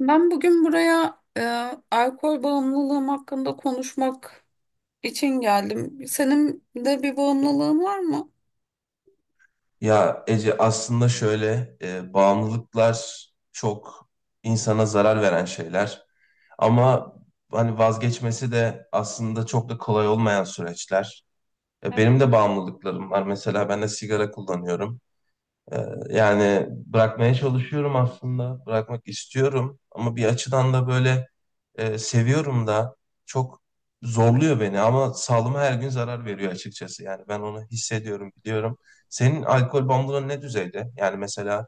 Ben bugün buraya alkol bağımlılığım hakkında konuşmak için geldim. Senin de bir bağımlılığın var mı? Ya Ece aslında şöyle bağımlılıklar çok insana zarar veren şeyler, ama hani vazgeçmesi de aslında çok da kolay olmayan süreçler. Benim de bağımlılıklarım var. Mesela ben de sigara kullanıyorum. Ee, Yani bırakmaya çalışıyorum aslında. Bırakmak istiyorum ama bir açıdan da böyle seviyorum da, çok zorluyor beni, ama sağlığıma her gün zarar veriyor açıkçası. Yani ben onu hissediyorum, biliyorum. Senin alkol bağımlılığın ne düzeyde? Yani mesela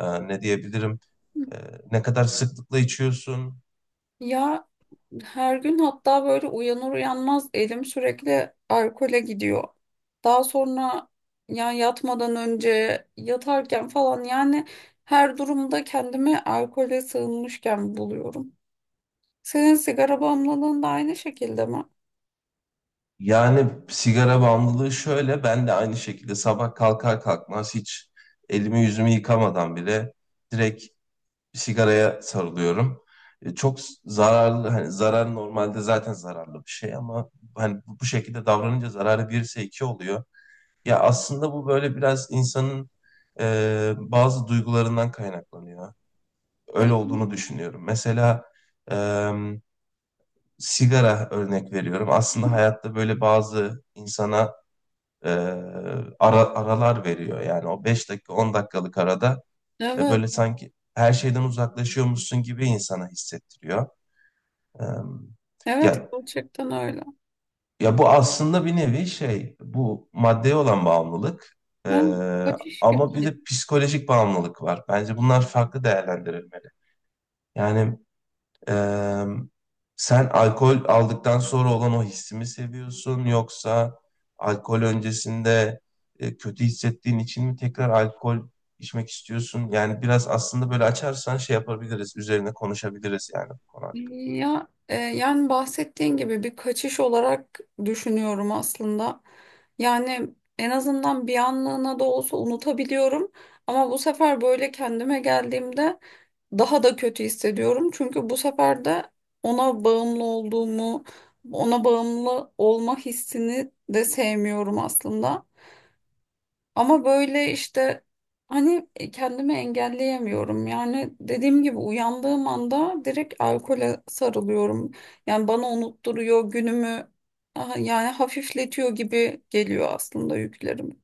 ne diyebilirim? E, Ne kadar sıklıkla içiyorsun? Ya her gün hatta böyle uyanır uyanmaz elim sürekli alkole gidiyor. Daha sonra yani yatmadan önce yatarken falan yani her durumda kendimi alkole sığınmışken buluyorum. Senin sigara bağımlılığın da aynı şekilde mi? Yani sigara bağımlılığı şöyle, ben de aynı şekilde sabah kalkar kalkmaz hiç elimi yüzümü yıkamadan bile direkt bir sigaraya sarılıyorum. Çok zararlı, hani zarar, normalde zaten zararlı bir şey ama hani bu şekilde davranınca zararı bir ise iki oluyor. Ya aslında bu böyle biraz insanın bazı duygularından kaynaklanıyor. Öyle olduğunu düşünüyorum. Mesela e, sigara örnek veriyorum. Aslında hayatta böyle bazı insana e, aralar veriyor. Yani o 5 dakika 10 dakikalık arada Evet, böyle sanki her şeyden uzaklaşıyormuşsun gibi insana hissettiriyor. E, evet ya gerçekten öyle. ya bu aslında bir nevi şey, bu maddeye olan bağımlılık, e, Ha, kaçış ama bir gibi. de psikolojik bağımlılık var. Bence bunlar farklı değerlendirilmeli. Yani Ee, sen alkol aldıktan sonra olan o hissi mi seviyorsun, yoksa alkol öncesinde kötü hissettiğin için mi tekrar alkol içmek istiyorsun? Yani biraz aslında böyle açarsan şey yapabiliriz, üzerine konuşabiliriz yani bu konu. Ya, yani bahsettiğin gibi bir kaçış olarak düşünüyorum aslında. Yani en azından bir anlığına da olsa unutabiliyorum. Ama bu sefer böyle kendime geldiğimde daha da kötü hissediyorum. Çünkü bu sefer de ona bağımlı olduğumu, ona bağımlı olma hissini de sevmiyorum aslında. Ama böyle işte hani kendimi engelleyemiyorum. Yani dediğim gibi uyandığım anda direkt alkole sarılıyorum. Yani bana unutturuyor günümü aha, yani hafifletiyor gibi geliyor aslında yüklerimi.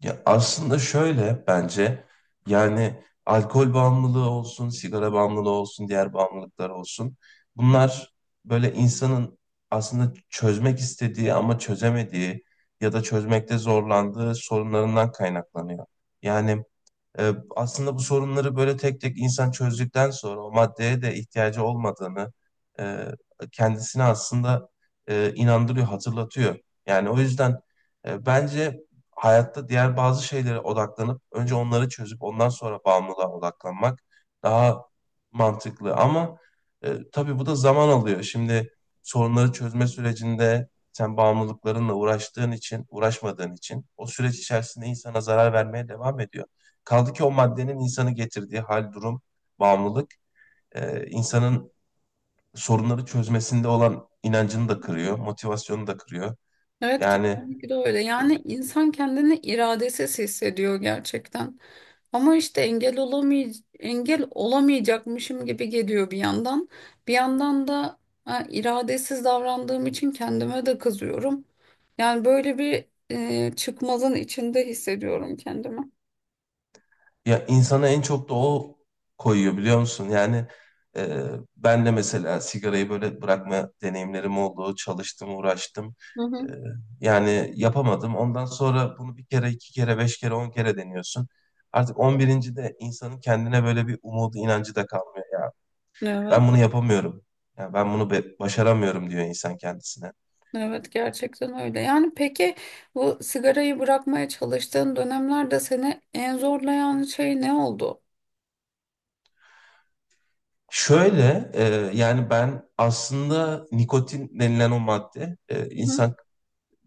Ya aslında şöyle bence, yani alkol bağımlılığı olsun, sigara bağımlılığı olsun, diğer bağımlılıklar olsun. Bunlar böyle insanın aslında çözmek istediği ama çözemediği ya da çözmekte zorlandığı sorunlarından kaynaklanıyor. Yani aslında bu sorunları böyle tek tek insan çözdükten sonra o maddeye de ihtiyacı olmadığını e, kendisine aslında inandırıyor, hatırlatıyor. Yani o yüzden bence hayatta diğer bazı şeylere odaklanıp önce onları çözüp ondan sonra bağımlılığa odaklanmak daha mantıklı. Ama tabii bu da zaman alıyor. Şimdi sorunları çözme sürecinde sen bağımlılıklarınla uğraştığın için, uğraşmadığın için o süreç içerisinde insana zarar vermeye devam ediyor. Kaldı ki o maddenin insanı getirdiği hal, durum, bağımlılık, insanın sorunları çözmesinde olan inancını da kırıyor, motivasyonunu da kırıyor. Evet Yani kesinlikle öyle. e, Yani insan kendini iradesiz hissediyor gerçekten. Ama işte engel olamayacakmışım gibi geliyor bir yandan. Bir yandan da ha, iradesiz davrandığım için kendime de kızıyorum. Yani böyle bir çıkmazın içinde hissediyorum kendimi. ya insana en çok da o koyuyor, biliyor musun? Yani e, ben de mesela sigarayı böyle bırakma deneyimlerim oldu, çalıştım, uğraştım. Hı E, hı. Yani yapamadım. Ondan sonra bunu bir kere, iki kere, beş kere, on kere deniyorsun. Artık on birinci de insanın kendine böyle bir umudu, inancı da kalmıyor ya. Evet, Ben bunu yapamıyorum. Ya ben bunu başaramıyorum diyor insan kendisine. evet gerçekten öyle. Yani peki bu sigarayı bırakmaya çalıştığın dönemlerde seni en zorlayan şey ne oldu? Şöyle yani ben aslında nikotin denilen o madde, Hı hı. insan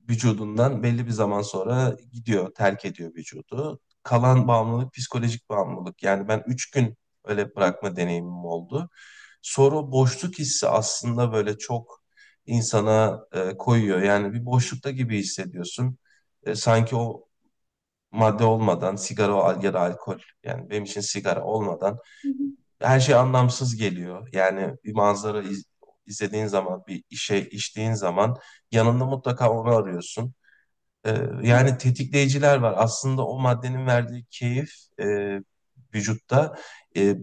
vücudundan belli bir zaman sonra gidiyor, terk ediyor vücudu. Kalan bağımlılık psikolojik bağımlılık. Yani ben 3 gün öyle bırakma deneyimim oldu. Sonra o boşluk hissi aslında böyle çok insana koyuyor. Yani bir boşlukta gibi hissediyorsun. Sanki o madde olmadan, sigara ya da alkol, yani benim için sigara olmadan Hı hı. her şey anlamsız geliyor. Yani bir manzara izlediğin zaman, bir işe içtiğin zaman yanında mutlaka onu arıyorsun. Ee, Evet, Yani tetikleyiciler var. Aslında o maddenin verdiği keyif e, vücutta, e,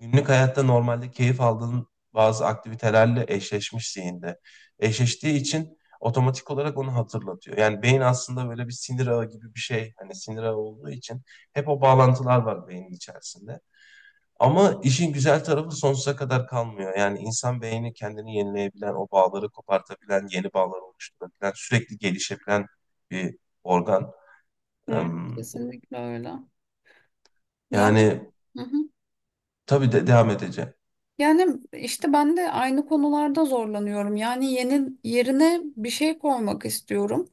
günlük hayatta normalde keyif aldığın bazı aktivitelerle eşleşmiş zihinde. Eşleştiği için otomatik olarak onu hatırlatıyor. Yani beyin aslında böyle bir sinir ağı gibi bir şey. Hani sinir ağı olduğu için hep o bağlantılar var beynin içerisinde. Ama işin güzel tarafı sonsuza kadar kalmıyor. Yani insan beyni kendini yenileyebilen, o bağları kopartabilen, yeni bağlar oluşturabilen, sürekli gelişebilen bir organ. evet, Em, kesinlikle öyle. Ya. Yani Hı. tabii de devam edeceğim. Yani işte ben de aynı konularda zorlanıyorum. Yani yeni yerine bir şey koymak istiyorum.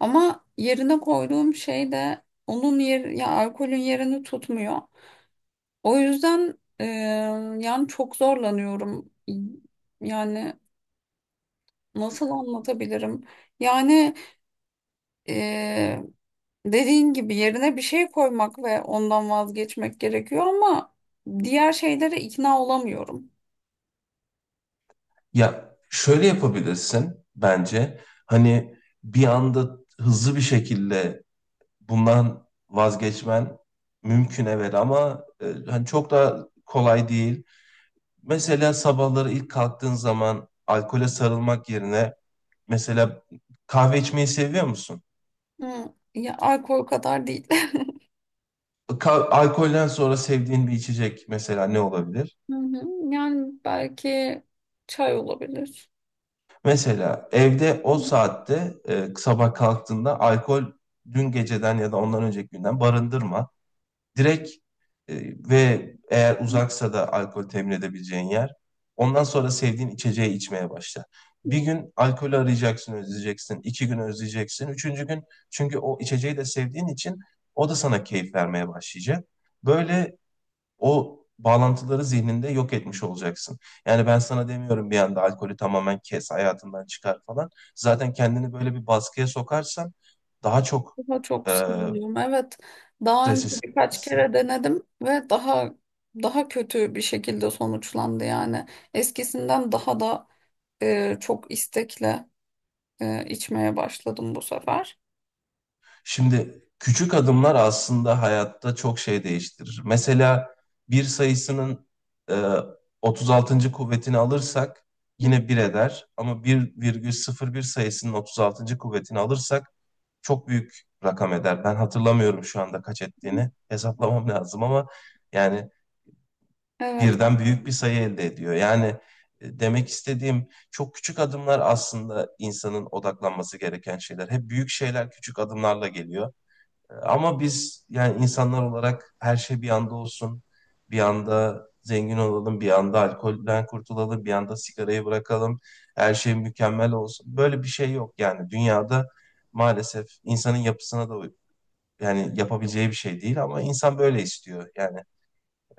Ama yerine koyduğum şey de onun yer ya alkolün yerini tutmuyor. O yüzden yani çok zorlanıyorum. Yani nasıl anlatabilirim? Yani e, dediğin gibi yerine bir şey koymak ve ondan vazgeçmek gerekiyor ama diğer şeylere ikna olamıyorum. Ya şöyle yapabilirsin bence. Hani bir anda hızlı bir şekilde bundan vazgeçmen mümkün evet, ama hani çok da kolay değil. Mesela sabahları ilk kalktığın zaman alkole sarılmak yerine, mesela kahve içmeyi seviyor musun? Hı, ya alkol kadar değil. Alkolden sonra sevdiğin bir içecek mesela ne olabilir? Hı hı. Yani belki çay olabilir. Mesela evde o saatte sabah kalktığında alkol, dün geceden ya da ondan önceki günden barındırma. Direkt, e, ve eğer uzaksa da alkol temin edebileceğin yer. Ondan sonra sevdiğin içeceği içmeye başla. Bir gün alkolü arayacaksın, özleyeceksin. İki gün özleyeceksin. Üçüncü gün, çünkü o içeceği de sevdiğin için, o da sana keyif vermeye başlayacak. Böyle o bağlantıları zihninde yok etmiş olacaksın. Yani ben sana demiyorum bir anda alkolü tamamen kes, hayatından çıkar falan. Zaten kendini böyle bir baskıya sokarsan daha çok Daha çok eee sarılıyorum. Evet. Daha stres önce birkaç hissedersin. kere denedim ve daha daha kötü bir şekilde sonuçlandı yani. Eskisinden daha da çok istekle içmeye başladım bu sefer. Şimdi küçük adımlar aslında hayatta çok şey değiştirir. Mesela bir sayısının eee 36. kuvvetini alırsak Hı. yine bir eder. Ama 1,01 sayısının 36. kuvvetini alırsak çok büyük rakam eder. Ben hatırlamıyorum şu anda kaç ettiğini. Hesaplamam lazım, ama yani Evet. birden büyük bir sayı elde ediyor. Yani demek istediğim çok küçük adımlar aslında insanın odaklanması gereken şeyler. Hep büyük şeyler küçük adımlarla geliyor. Ama biz yani insanlar olarak her şey bir anda olsun. Bir anda zengin olalım, bir anda alkolden kurtulalım, bir anda sigarayı bırakalım. Her şey mükemmel olsun. Böyle bir şey yok yani dünyada, maalesef insanın yapısına da, yani yapabileceği bir şey değil ama insan böyle istiyor. Yani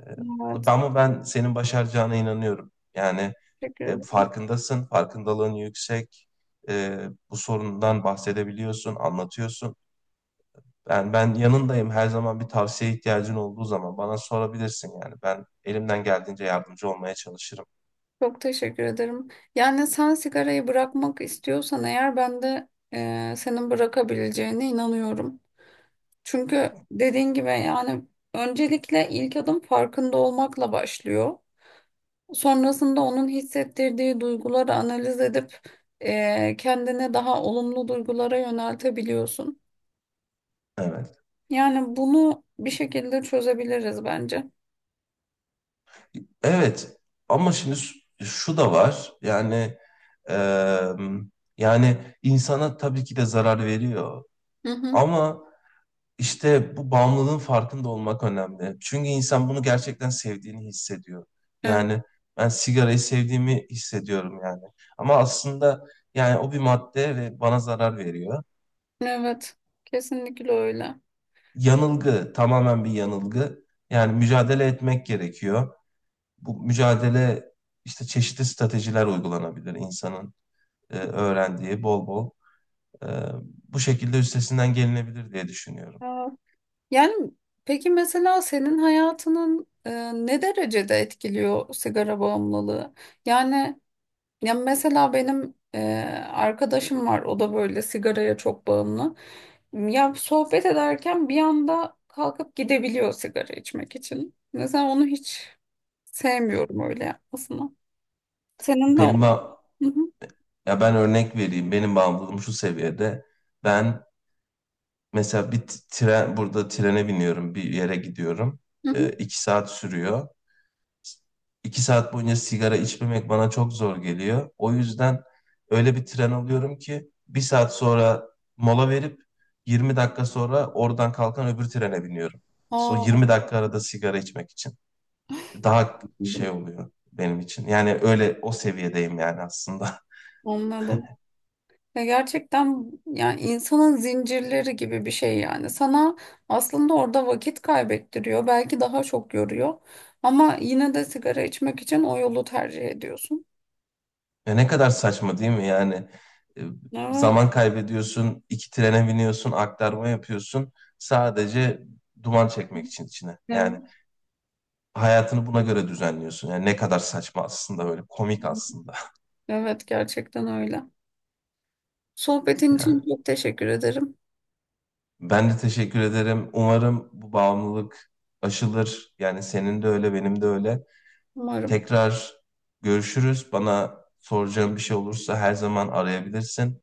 e, Evet. ama ben senin başaracağına inanıyorum. Yani Teşekkür ederim. farkındasın, farkındalığın yüksek. E, Bu sorundan bahsedebiliyorsun, anlatıyorsun. Ben yanındayım. Her zaman bir tavsiye ihtiyacın olduğu zaman bana sorabilirsin yani. Ben elimden geldiğince yardımcı olmaya çalışırım. Çok teşekkür ederim. Yani sen sigarayı bırakmak istiyorsan eğer ben de senin bırakabileceğine inanıyorum. Çünkü dediğin gibi yani öncelikle ilk adım farkında olmakla başlıyor. Sonrasında onun hissettirdiği duyguları analiz edip kendini daha olumlu duygulara yöneltebiliyorsun. Evet. Yani bunu bir şekilde çözebiliriz bence. Evet. Ama şimdi şu da var. Yani e, yani insana tabii ki de zarar veriyor. Hı hı. Ama İşte bu bağımlılığın farkında olmak önemli. Çünkü insan bunu gerçekten sevdiğini hissediyor. Evet, Yani ben sigarayı sevdiğimi hissediyorum yani. Ama aslında yani o bir madde ve bana zarar veriyor. evet, kesinlikle öyle. Yanılgı, tamamen bir yanılgı. Yani mücadele etmek gerekiyor. Bu mücadele işte çeşitli stratejiler uygulanabilir insanın öğrendiği bol bol. E, Bu şekilde üstesinden gelinebilir diye düşünüyorum. Aa, yani peki mesela senin hayatının ne derecede etkiliyor sigara bağımlılığı? Yani ya mesela benim arkadaşım var. O da böyle sigaraya çok bağımlı. Ya sohbet ederken bir anda kalkıp gidebiliyor sigara içmek için. Mesela onu hiç sevmiyorum öyle yapmasını. Senin de o. Benim ba- Hı hı, Ya ben örnek vereyim. Benim bağımlılığım şu seviyede. Ben mesela bir tren, burada trene biniyorum, bir yere gidiyorum. hı hı. 2 saat sürüyor. 2 saat boyunca sigara içmemek bana çok zor geliyor. O yüzden öyle bir tren alıyorum ki bir saat sonra mola verip 20 dakika sonra oradan kalkan öbür trene biniyorum. İşte o Aa, 20 dakika arada sigara içmek için. Daha şey anladım. oluyor benim için. Yani öyle o seviyedeyim yani aslında. Anladım. Ya gerçekten yani insanın zincirleri gibi bir şey yani. Sana aslında orada vakit kaybettiriyor. Belki daha çok yoruyor. Ama yine de sigara içmek için o yolu tercih ediyorsun. Ya ne kadar saçma değil mi? Yani e, Evet, zaman kaybediyorsun, iki trene biniyorsun, aktarma yapıyorsun sadece duman çekmek için içine. Yani evet, hayatını buna göre düzenliyorsun. Yani ne kadar saçma aslında, böyle komik aslında. evet gerçekten öyle. Sohbetin için Yani çok teşekkür ederim. ben de teşekkür ederim. Umarım bu bağımlılık aşılır. Yani senin de öyle, benim de öyle. Umarım. Tekrar görüşürüz. Bana soracağın bir şey olursa her zaman arayabilirsin.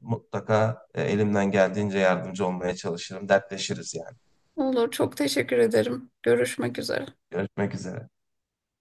Mutlaka elimden geldiğince yardımcı olmaya çalışırım. Dertleşiriz yani. Olur, çok teşekkür ederim. Görüşmek üzere. Görüşmek üzere.